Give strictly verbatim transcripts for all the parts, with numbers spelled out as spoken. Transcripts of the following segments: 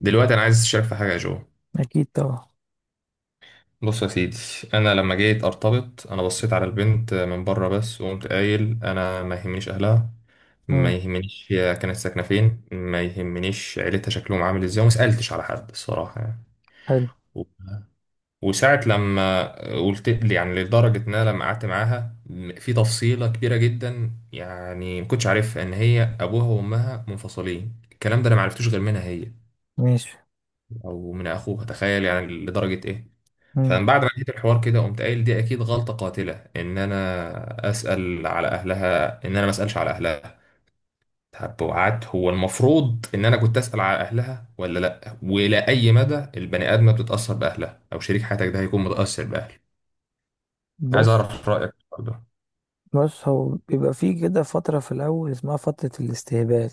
دلوقتي انا عايز اشارك في حاجه يا جو. اكيد طبعا. بص يا سيدي، انا لما جيت ارتبط انا بصيت على البنت من بره بس وقمت قايل انا ما يهمنيش اهلها، ما امم يهمنيش هي كانت ساكنه فين، ما يهمنيش عيلتها شكلهم عامل ازاي وما سالتش على حد الصراحه يعني. حلو. و- وساعه لما قلت لي يعني لدرجه ان انا لما قعدت معاها م- في تفصيله كبيره جدا يعني ما كنتش عارفها ان هي ابوها وامها منفصلين، الكلام ده انا ما عرفتوش غير منها هي ماشي. او من اخوها، تخيل يعني لدرجه ايه. امم فمن بعد ما لقيت الحوار كده قمت قايل دي اكيد غلطه قاتله ان انا اسال على اهلها ان انا ما اسالش على اهلها. طب وقعدت هو المفروض ان انا كنت اسال على اهلها ولا لا، والى اي مدى البني ادمه بتتاثر باهلها او شريك حياتك ده هيكون متاثر باهله، عايز بص. اعرف رايك برضه. بص، هو بيبقى فيه كده فترة في الاول اسمها فترة الاستهبال،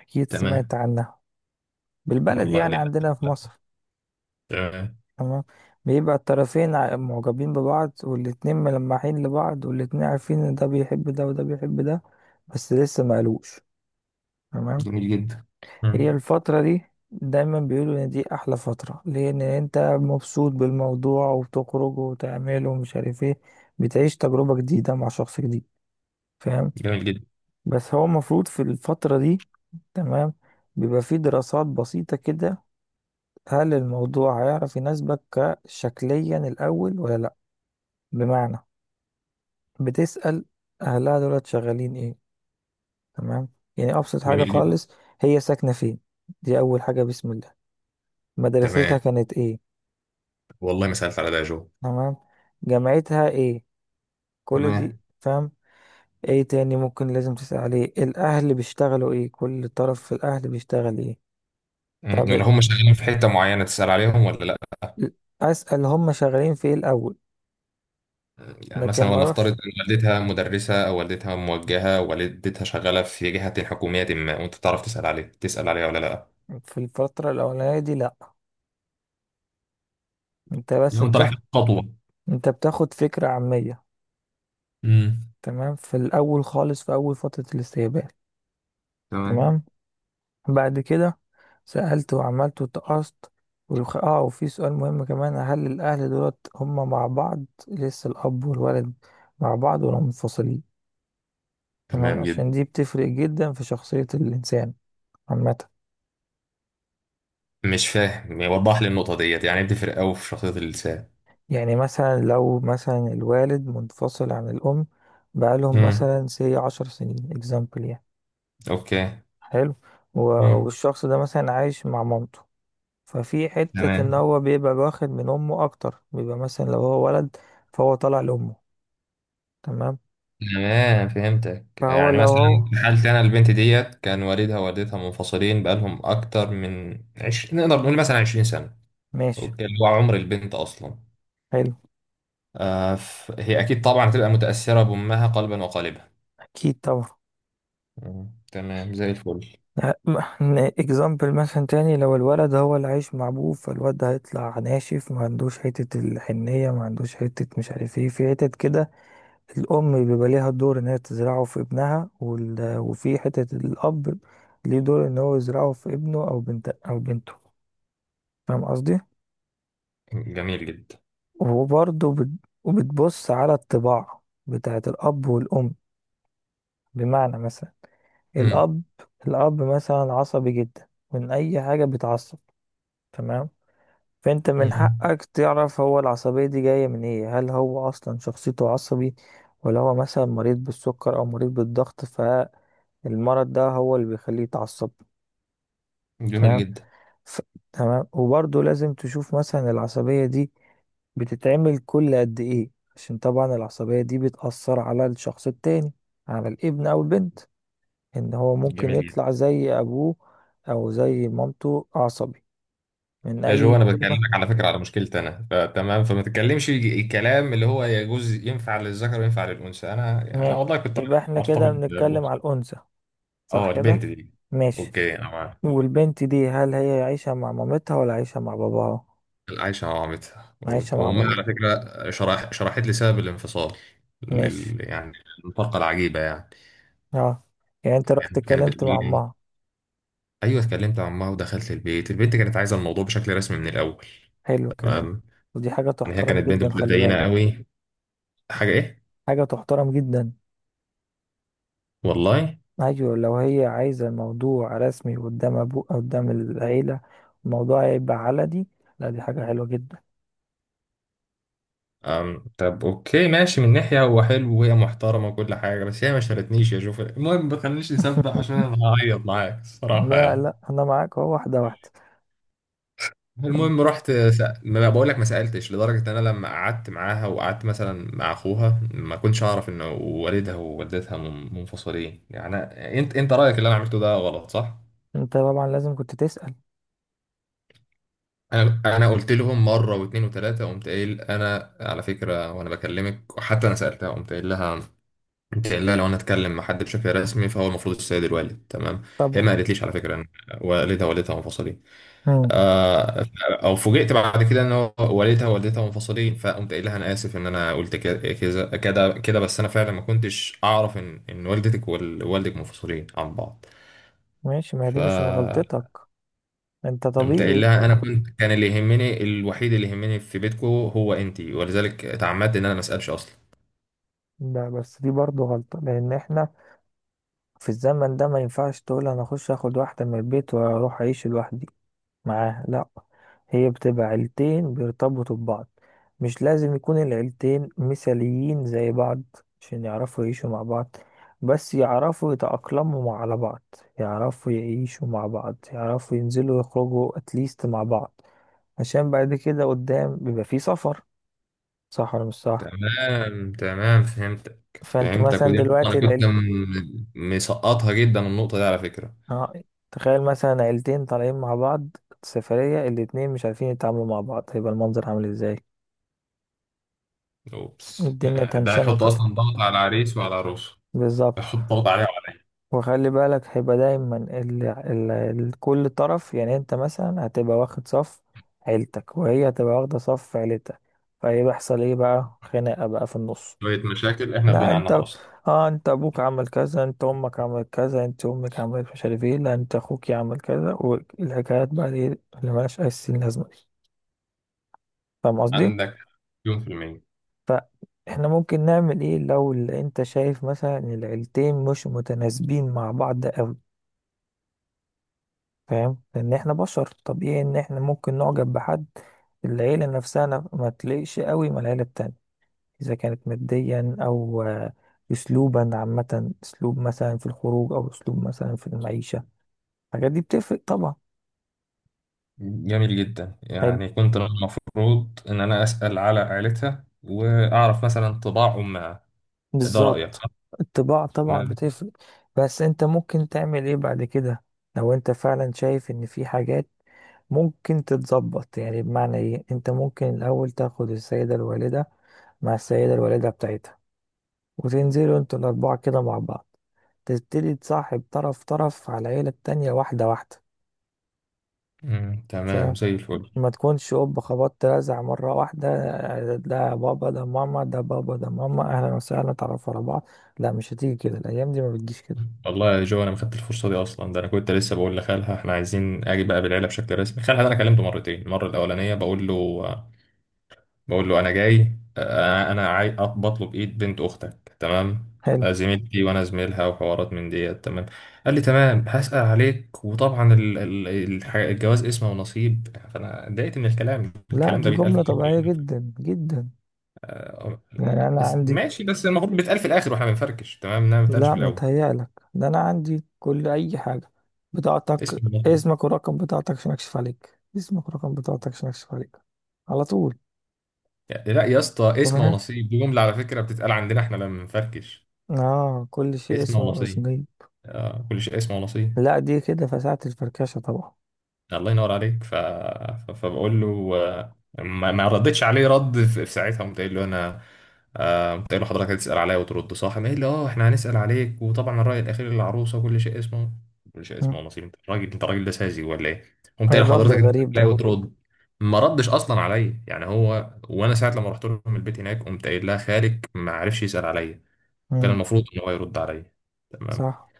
اكيد سمعت تمام. عنها بالبلد والله يعني ليه. عندنا في لا. مصر. تمام. تمام، بيبقى الطرفين ع- معجبين ببعض والاتنين ملمحين لبعض والاتنين عارفين ان ده بيحب ده وده بيحب ده، بس لسه ما قالوش. تمام، جميل جدا. مم. هي الفترة دي دايما بيقولوا ان دي احلى فترة لان انت مبسوط بالموضوع وبتخرج وتعمل ومش عارف ايه، بتعيش تجربة جديدة مع شخص جديد. فاهم؟ جميل جدا. بس هو المفروض في الفترة دي، تمام، بيبقى فيه دراسات بسيطة كده. هل الموضوع هيعرف يناسبك كشكليا الاول ولا لا؟ بمعنى، بتسأل اهلها دولت شغالين ايه. تمام، يعني ابسط حاجة جميل جدا. خالص. هي ساكنة فين؟ دي اول حاجة بسم الله. تمام. مدرستها كانت ايه؟ والله ما سالت على ده يا جو. تمام. جامعتها ايه؟ كل دي تمام. فاهم. ايه تاني ممكن لازم تسأل عليه؟ الاهل بيشتغلوا ايه؟ كل طرف في الاهل بيشتغل ايه؟ مم. طب ولا هم شغالين في حتة معينة تسأل عليهم ولا لأ؟ اسأل هم شغالين في ايه الاول. يعني لكن مثلا ما ونفترض اروحش إن والدتها مدرسة أو والدتها موجهة أو والدتها شغالة في جهة حكومية ما، وأنت تعرف تسأل عليه تسأل عليها ولا لأ. في الفترة الاولانية دي، لا. انت بس لو انت رايح بتاخد، خطوه. انت بتاخد فكرة عامية. امم. تمام، في الاول خالص، في اول فترة الاستقبال. تمام. تمام، بعد كده سألت وعملت وتقصت والخ... اه، وفي سؤال مهم كمان، هل الأهل دولت هما مع بعض لسه؟ الأب والولد مع بعض ولا منفصلين؟ تمام، تمام عشان جدا. دي بتفرق جدا في شخصية الإنسان عامة. مش فاهم، وضح لي النقطة ديت يعني بتفرق أوي في شخصية الإنسان. يعني مثلا لو مثلا الوالد منفصل عن الأم بقالهم امم. مثلا سي عشر سنين اكزامبل يعني. أوكي. حلو. و... امم. والشخص ده مثلا عايش مع مامته، ففي حتة إن تمام. هو بيبقى واخد من أمه أكتر. بيبقى مثلا لو هو ولد، فهو طالع لأمه. تمام. تمام فهمتك. فهو يعني لو هو، مثلا في حالتي أنا البنت ديت كان والدها ووالدتها منفصلين بقالهم أكتر من عش... نقدر نقول مثلا عشرين سنة. ماشي. اوكي اللي هو عمر البنت اصلا. حلو. آه ف... هي اكيد طبعا هتبقى متاثره بامها قلبا وقالبا. اكيد طبعا. مم. تمام زي الفل. اكزامبل مثلا تاني، لو الولد هو اللي عايش مع ابوه، فالواد ده هيطلع ناشف، ما عندوش حتة الحنية، ما عندوش حتة مش عارف ايه، في حتت كده. الام بيبقى ليها دور ان هي تزرعه في ابنها، وال... وفي حتة الاب، ليه دور ان هو يزرعه في ابنه او بنت او بنته. فاهم قصدي؟ جميل جدا. وبرضه بت... وبتبص على الطباع بتاعت الاب والام. بمعنى مثلا مم. الأب، الأب مثلا عصبي جدا، من أي حاجة بيتعصب. تمام، فأنت من مم. حقك تعرف هو العصبية دي جاية من إيه. هل هو أصلا شخصيته عصبي، ولا هو مثلا مريض بالسكر أو مريض بالضغط، فالمرض ده هو اللي بيخليه يتعصب؟ جميل فاهم؟ جدا. ف... تمام، وبرضه لازم تشوف مثلا العصبية دي بتتعمل كل قد إيه، عشان طبعا العصبية دي بتأثر على الشخص التاني، على الابن أو البنت، ان هو ممكن جميل يطلع جدا. زي ابوه او زي مامته عصبي من يا جو اي انا كلمة. بكلمك على فكره على مشكلتي انا، فتمام فما تتكلمش الكلام اللي هو يجوز ينفع للذكر وينفع للانثى، انا يعني، انا ماشي، والله كنت يبقى احنا كده ارتبط بنتكلم بأنثى. على الانثى، اه صح كده؟ البنت دي. ماشي اوكي انا. والبنت دي هل هي عايشة مع مامتها ولا عايشة مع باباها عايشة مع مامتها. عايشة مع وأمها على مامتها فكرة شرح شرحت لي سبب الانفصال ماشي. لل... يعني الفرقة العجيبة يعني. اه. يعني انت رحت يعني كانت اتكلمت بتقول مع لي، امها، أيوه اتكلمت مع أمها ودخلت البيت، البنت كانت عايزة الموضوع بشكل رسمي من الأول. حلو الكلام. تمام. ودي حاجة يعني هي تحترم كانت بنت جدا، خلي متدينة بالك، قوي. حاجة إيه؟ حاجة تحترم جدا. والله. ايوه، لو هي عايزة الموضوع رسمي قدام ابوه قدام العيلة، الموضوع هيبقى علني، لا دي حاجة حلوة جدا. أم... طب أوكي ماشي، من ناحية هو حلو وهي محترمة وكل حاجة، بس هي ما شالتنيش يا شوف، المهم ما تخلينيش نسبح عشان أنا هعيط معاك الصراحة لا يعني. لا، انا معاك، اهو واحده واحده. المهم أم. رحت سأ... ما بقول لك ما سألتش، لدرجة ان انا لما قعدت معاها وقعدت مثلا مع اخوها ما كنتش اعرف ان والدها ووالدتها من- منفصلين، يعني أنا- انت انت رأيك اللي انا عملته ده غلط صح؟ انت طبعا لازم كنت تسأل. انا انا قلت لهم مرة واثنين وثلاثة، قمت قايل انا على فكرة وانا بكلمك، وحتى انا سألتها قمت قايل لها قمت قايل لها لو انا اتكلم مع حد بشكل رسمي فهو المفروض السيد الوالد تمام؟ هي طبعا. ما قالتليش على فكرة ان والدها ووالدتها منفصلين. أم. آه، او فوجئت بعد كده ان هو والدها ووالدتها منفصلين، فقمت قايل لها انا اسف ان انا قلت كده كذا- كده كده، بس انا فعلا ما كنتش اعرف ان ان والدتك ووالدك منفصلين عن بعض. ماشي، ما هي دي مش من فقمت غلطتك، انت قايل طبيعي. لها انا كنت كان اللي يهمني الوحيد اللي يهمني في بيتكم هو انتي، ولذلك اتعمدت ان انا ما اسالش اصلا. ده بس دي برضه غلطه، لان احنا في الزمن ده ما ينفعش تقول انا اخش اخد واحده من البيت واروح اعيش لوحدي معاه، لا. هي بتبقى عيلتين بيرتبطوا ببعض. مش لازم يكون العيلتين مثاليين زي بعض عشان يعرفوا يعيشوا مع بعض، بس يعرفوا يتأقلموا مع- على بعض، يعرفوا يعيشوا مع بعض، يعرفوا ينزلوا يخرجوا اتليست مع بعض، عشان بعد كده قدام بيبقى فيه سفر. صح ولا مش صح؟ تمام. تمام فهمتك. فانت فهمتك، مثلا ودي نقطة دلوقتي انا كنت العيلت، م- مسقطها جدا النقطة دي على فكرة. اه تخيل مثلا عيلتين طالعين مع بعض سفرية، الاتنين مش عارفين يتعاملوا مع بعض، هيبقى المنظر عامل ازاي؟ اوبس الدنيا يعني ده تنشنة هيحط طبعا، اصلا ضغط على العريس وعلى العروس. بالظبط. حط ضغط عليها وعلى وخلي بالك، هيبقى دايما ال... ال... ال... كل طرف، يعني انت مثلا هتبقى واخد صف عيلتك وهي هتبقى واخدة صف عيلتها، فهي بيحصل ايه بقى؟ خناقة بقى في النص. شوية مشاكل إحنا لا غنى عنها انت، أصلا. اه انت ابوك عمل كذا، انت امك عملت كذا، انت امك عملت مش عارف ايه، لا انت اخوك عمل كذا، والحكايات بقى دي اللي ملهاش اي سن لازمة دي. فاهم قصدي؟ عندك مليون في المية. فاحنا ممكن نعمل ايه لو ال- انت شايف مثلا ان العيلتين مش متناسبين مع بعض؟ فاهم، لان احنا بشر، طبيعي ان احنا ممكن نعجب بحد، العيلة نفسها ن- ما تليقش قوي مع العيلة التانية، اذا كانت ماديا او آه، اسلوبا عامة، اسلوب مثلا في الخروج او اسلوب مثلا في المعيشة، الحاجات دي بتفرق طبعا. جميل جدا، حلو، يعني كنت المفروض ان انا اسال على عائلتها واعرف مثلا طباع امها. ده رايك بالظبط. صح. الطباع طبعا تمام. بتفرق. بس انت ممكن تعمل ايه بعد كده لو انت فعلا شايف ان في حاجات ممكن تتظبط؟ يعني بمعنى ايه، انت ممكن الاول تاخد السيدة الوالدة مع السيدة الوالدة بتاعتها، وتنزلوا انتوا الأربعة كده مع بعض، تبتدي تصاحب طرف طرف على العيلة التانية واحدة واحدة. مم. تمام فاهم؟ زي الفل. ما تكونش أوب خبطت رزع مرة واحدة، آه، ده بابا ده ماما ده بابا ده ماما، أهلا وسهلا تعرفوا على بعض، لا مش هتيجي كده، الأيام دي ما بتجيش كده. والله يا جو انا ما خدت الفرصه دي اصلا، ده انا كنت لسه بقول لخالها احنا عايزين اجي بقى بالعيله بشكل رسمي، خالها ده انا كلمته مرتين، المره الاولانيه بقول له بقول له انا جاي انا انا عاي... أط- بطلب ايد بنت اختك تمام. حلو. آه، زميلتي وانا زميلها وحوارات من ديت تمام. قال لي تمام هسأل عليك وطبعا ال... ال... الح- الجواز اسمه ونصيب، فانا اتضايقت من الكلام، لا الكلام دي ده بيتقال في جملة الاخر طبيعية يعني. جدا جدا. ف- يعني أنا بس- عندي، ماشي بس المفروض بيتقال في الاخر واحنا بنفركش تمام، انما ما بيتقالش لا في الاول. متهيألك، ده أنا عندي كل أي حاجة، بطاقتك اسم ونصيب؟ اسمك ورقم بطاقتك عشان أكشف عليك، اسمك ورقم بطاقتك عشان أكشف عليك على طول. يعني لا يا اسطى اسم ونصيب دي جمله على فكره بتتقال عندنا احنا لما بنفركش. اه، كل شيء اسم اسمه ونصيب. واسميه. آه كل شيء اسم ونصيب. لا دي كده فساعة الفركشة طبعا. الله ينور عليك. ف... ف- فبقول له آه، ما, ما ردتش عليه رد في, في ساعتها، قمت قايل له انا آه، قمت قايل له حضرتك هتسال عليا وترد صح؟ قام قايل لي اه احنا هنسال عليك وطبعا الراي الاخير للعروسه كل شيء اسمه كل شيء مم. اسمه نصيب. انت راجل، انت راجل ده ساذج ولا ايه؟ قمت ايه قايل الرد لحضرتك هتسال الغريب عليا ده؟ وترد. ما ردش اصلا عليا يعني هو. وانا ساعه لما رحت لهم البيت هناك قمت قايل لها خالك ما عرفش يسال عليا، كان مم. المفروض ان هو يرد عليا. تمام. صح،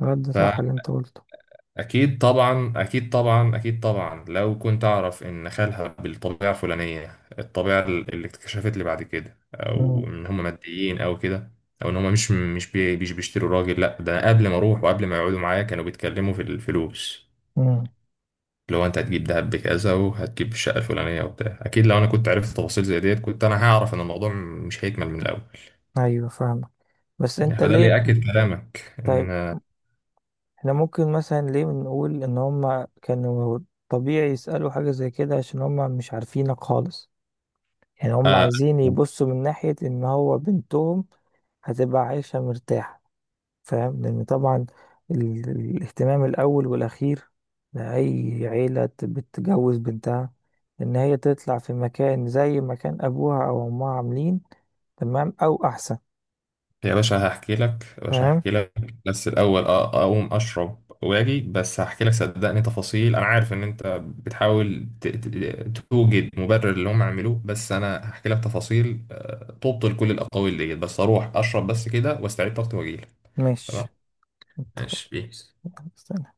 رد صح اللي انت قلته. أكيد طبعا، أكيد طبعا، أكيد طبعا، لو كنت أعرف إن خالها بالطبيعة الفلانية، الطبيعة اللي اكتشفت لي بعد كده، مم. أو إن هم ماديين أو كده، أو إن هم مش مش بي مش بيشتروا راجل، لأ ده قبل ما أروح وقبل ما يقعدوا معايا كانوا بيتكلموا في الفلوس، مم. اللي هو أنت هتجيب دهب بكذا وهتجيب الشقة الفلانية وبتاع. أكيد لو أنا كنت عرفت تفاصيل زي ديت كنت أنا هعرف إن الموضوع مش هيكمل من الأول. ايوه فاهمة. بس انت فده اللي ليه؟ يأكد كلامك طيب، إن احنا ممكن مثلا ليه نقول ان هما كانوا طبيعي يسألوا حاجة زي كده؟ عشان هما مش عارفينك خالص، يعني هما آه، عايزين يبصوا من ناحية ان هو بنتهم هتبقى عايشة مرتاحة. فاهم؟ لأن طبعا ال- الاهتمام الأول والأخير لأي عيلة ت- بتجوز بنتها، إن هي تطلع في مكان زي مكان أبوها أو أمها عاملين، تمام، أو أحسن. يا باشا هحكي لك، يا باشا فاهم؟ هحكي لك بس الأول أ- أقوم أشرب وأجي، بس هحكي لك صدقني تفاصيل. أنا عارف إن أنت بتحاول ت- ت- توجد مبرر اللي هم عملوه، بس أنا هحكي لك تفاصيل آه، تبطل كل الأقاويل ديت، بس أروح أشرب بس كده وأستعيد طاقتي وأجيلك. ماشي، تمام. ماشي بيس. اتفقنا.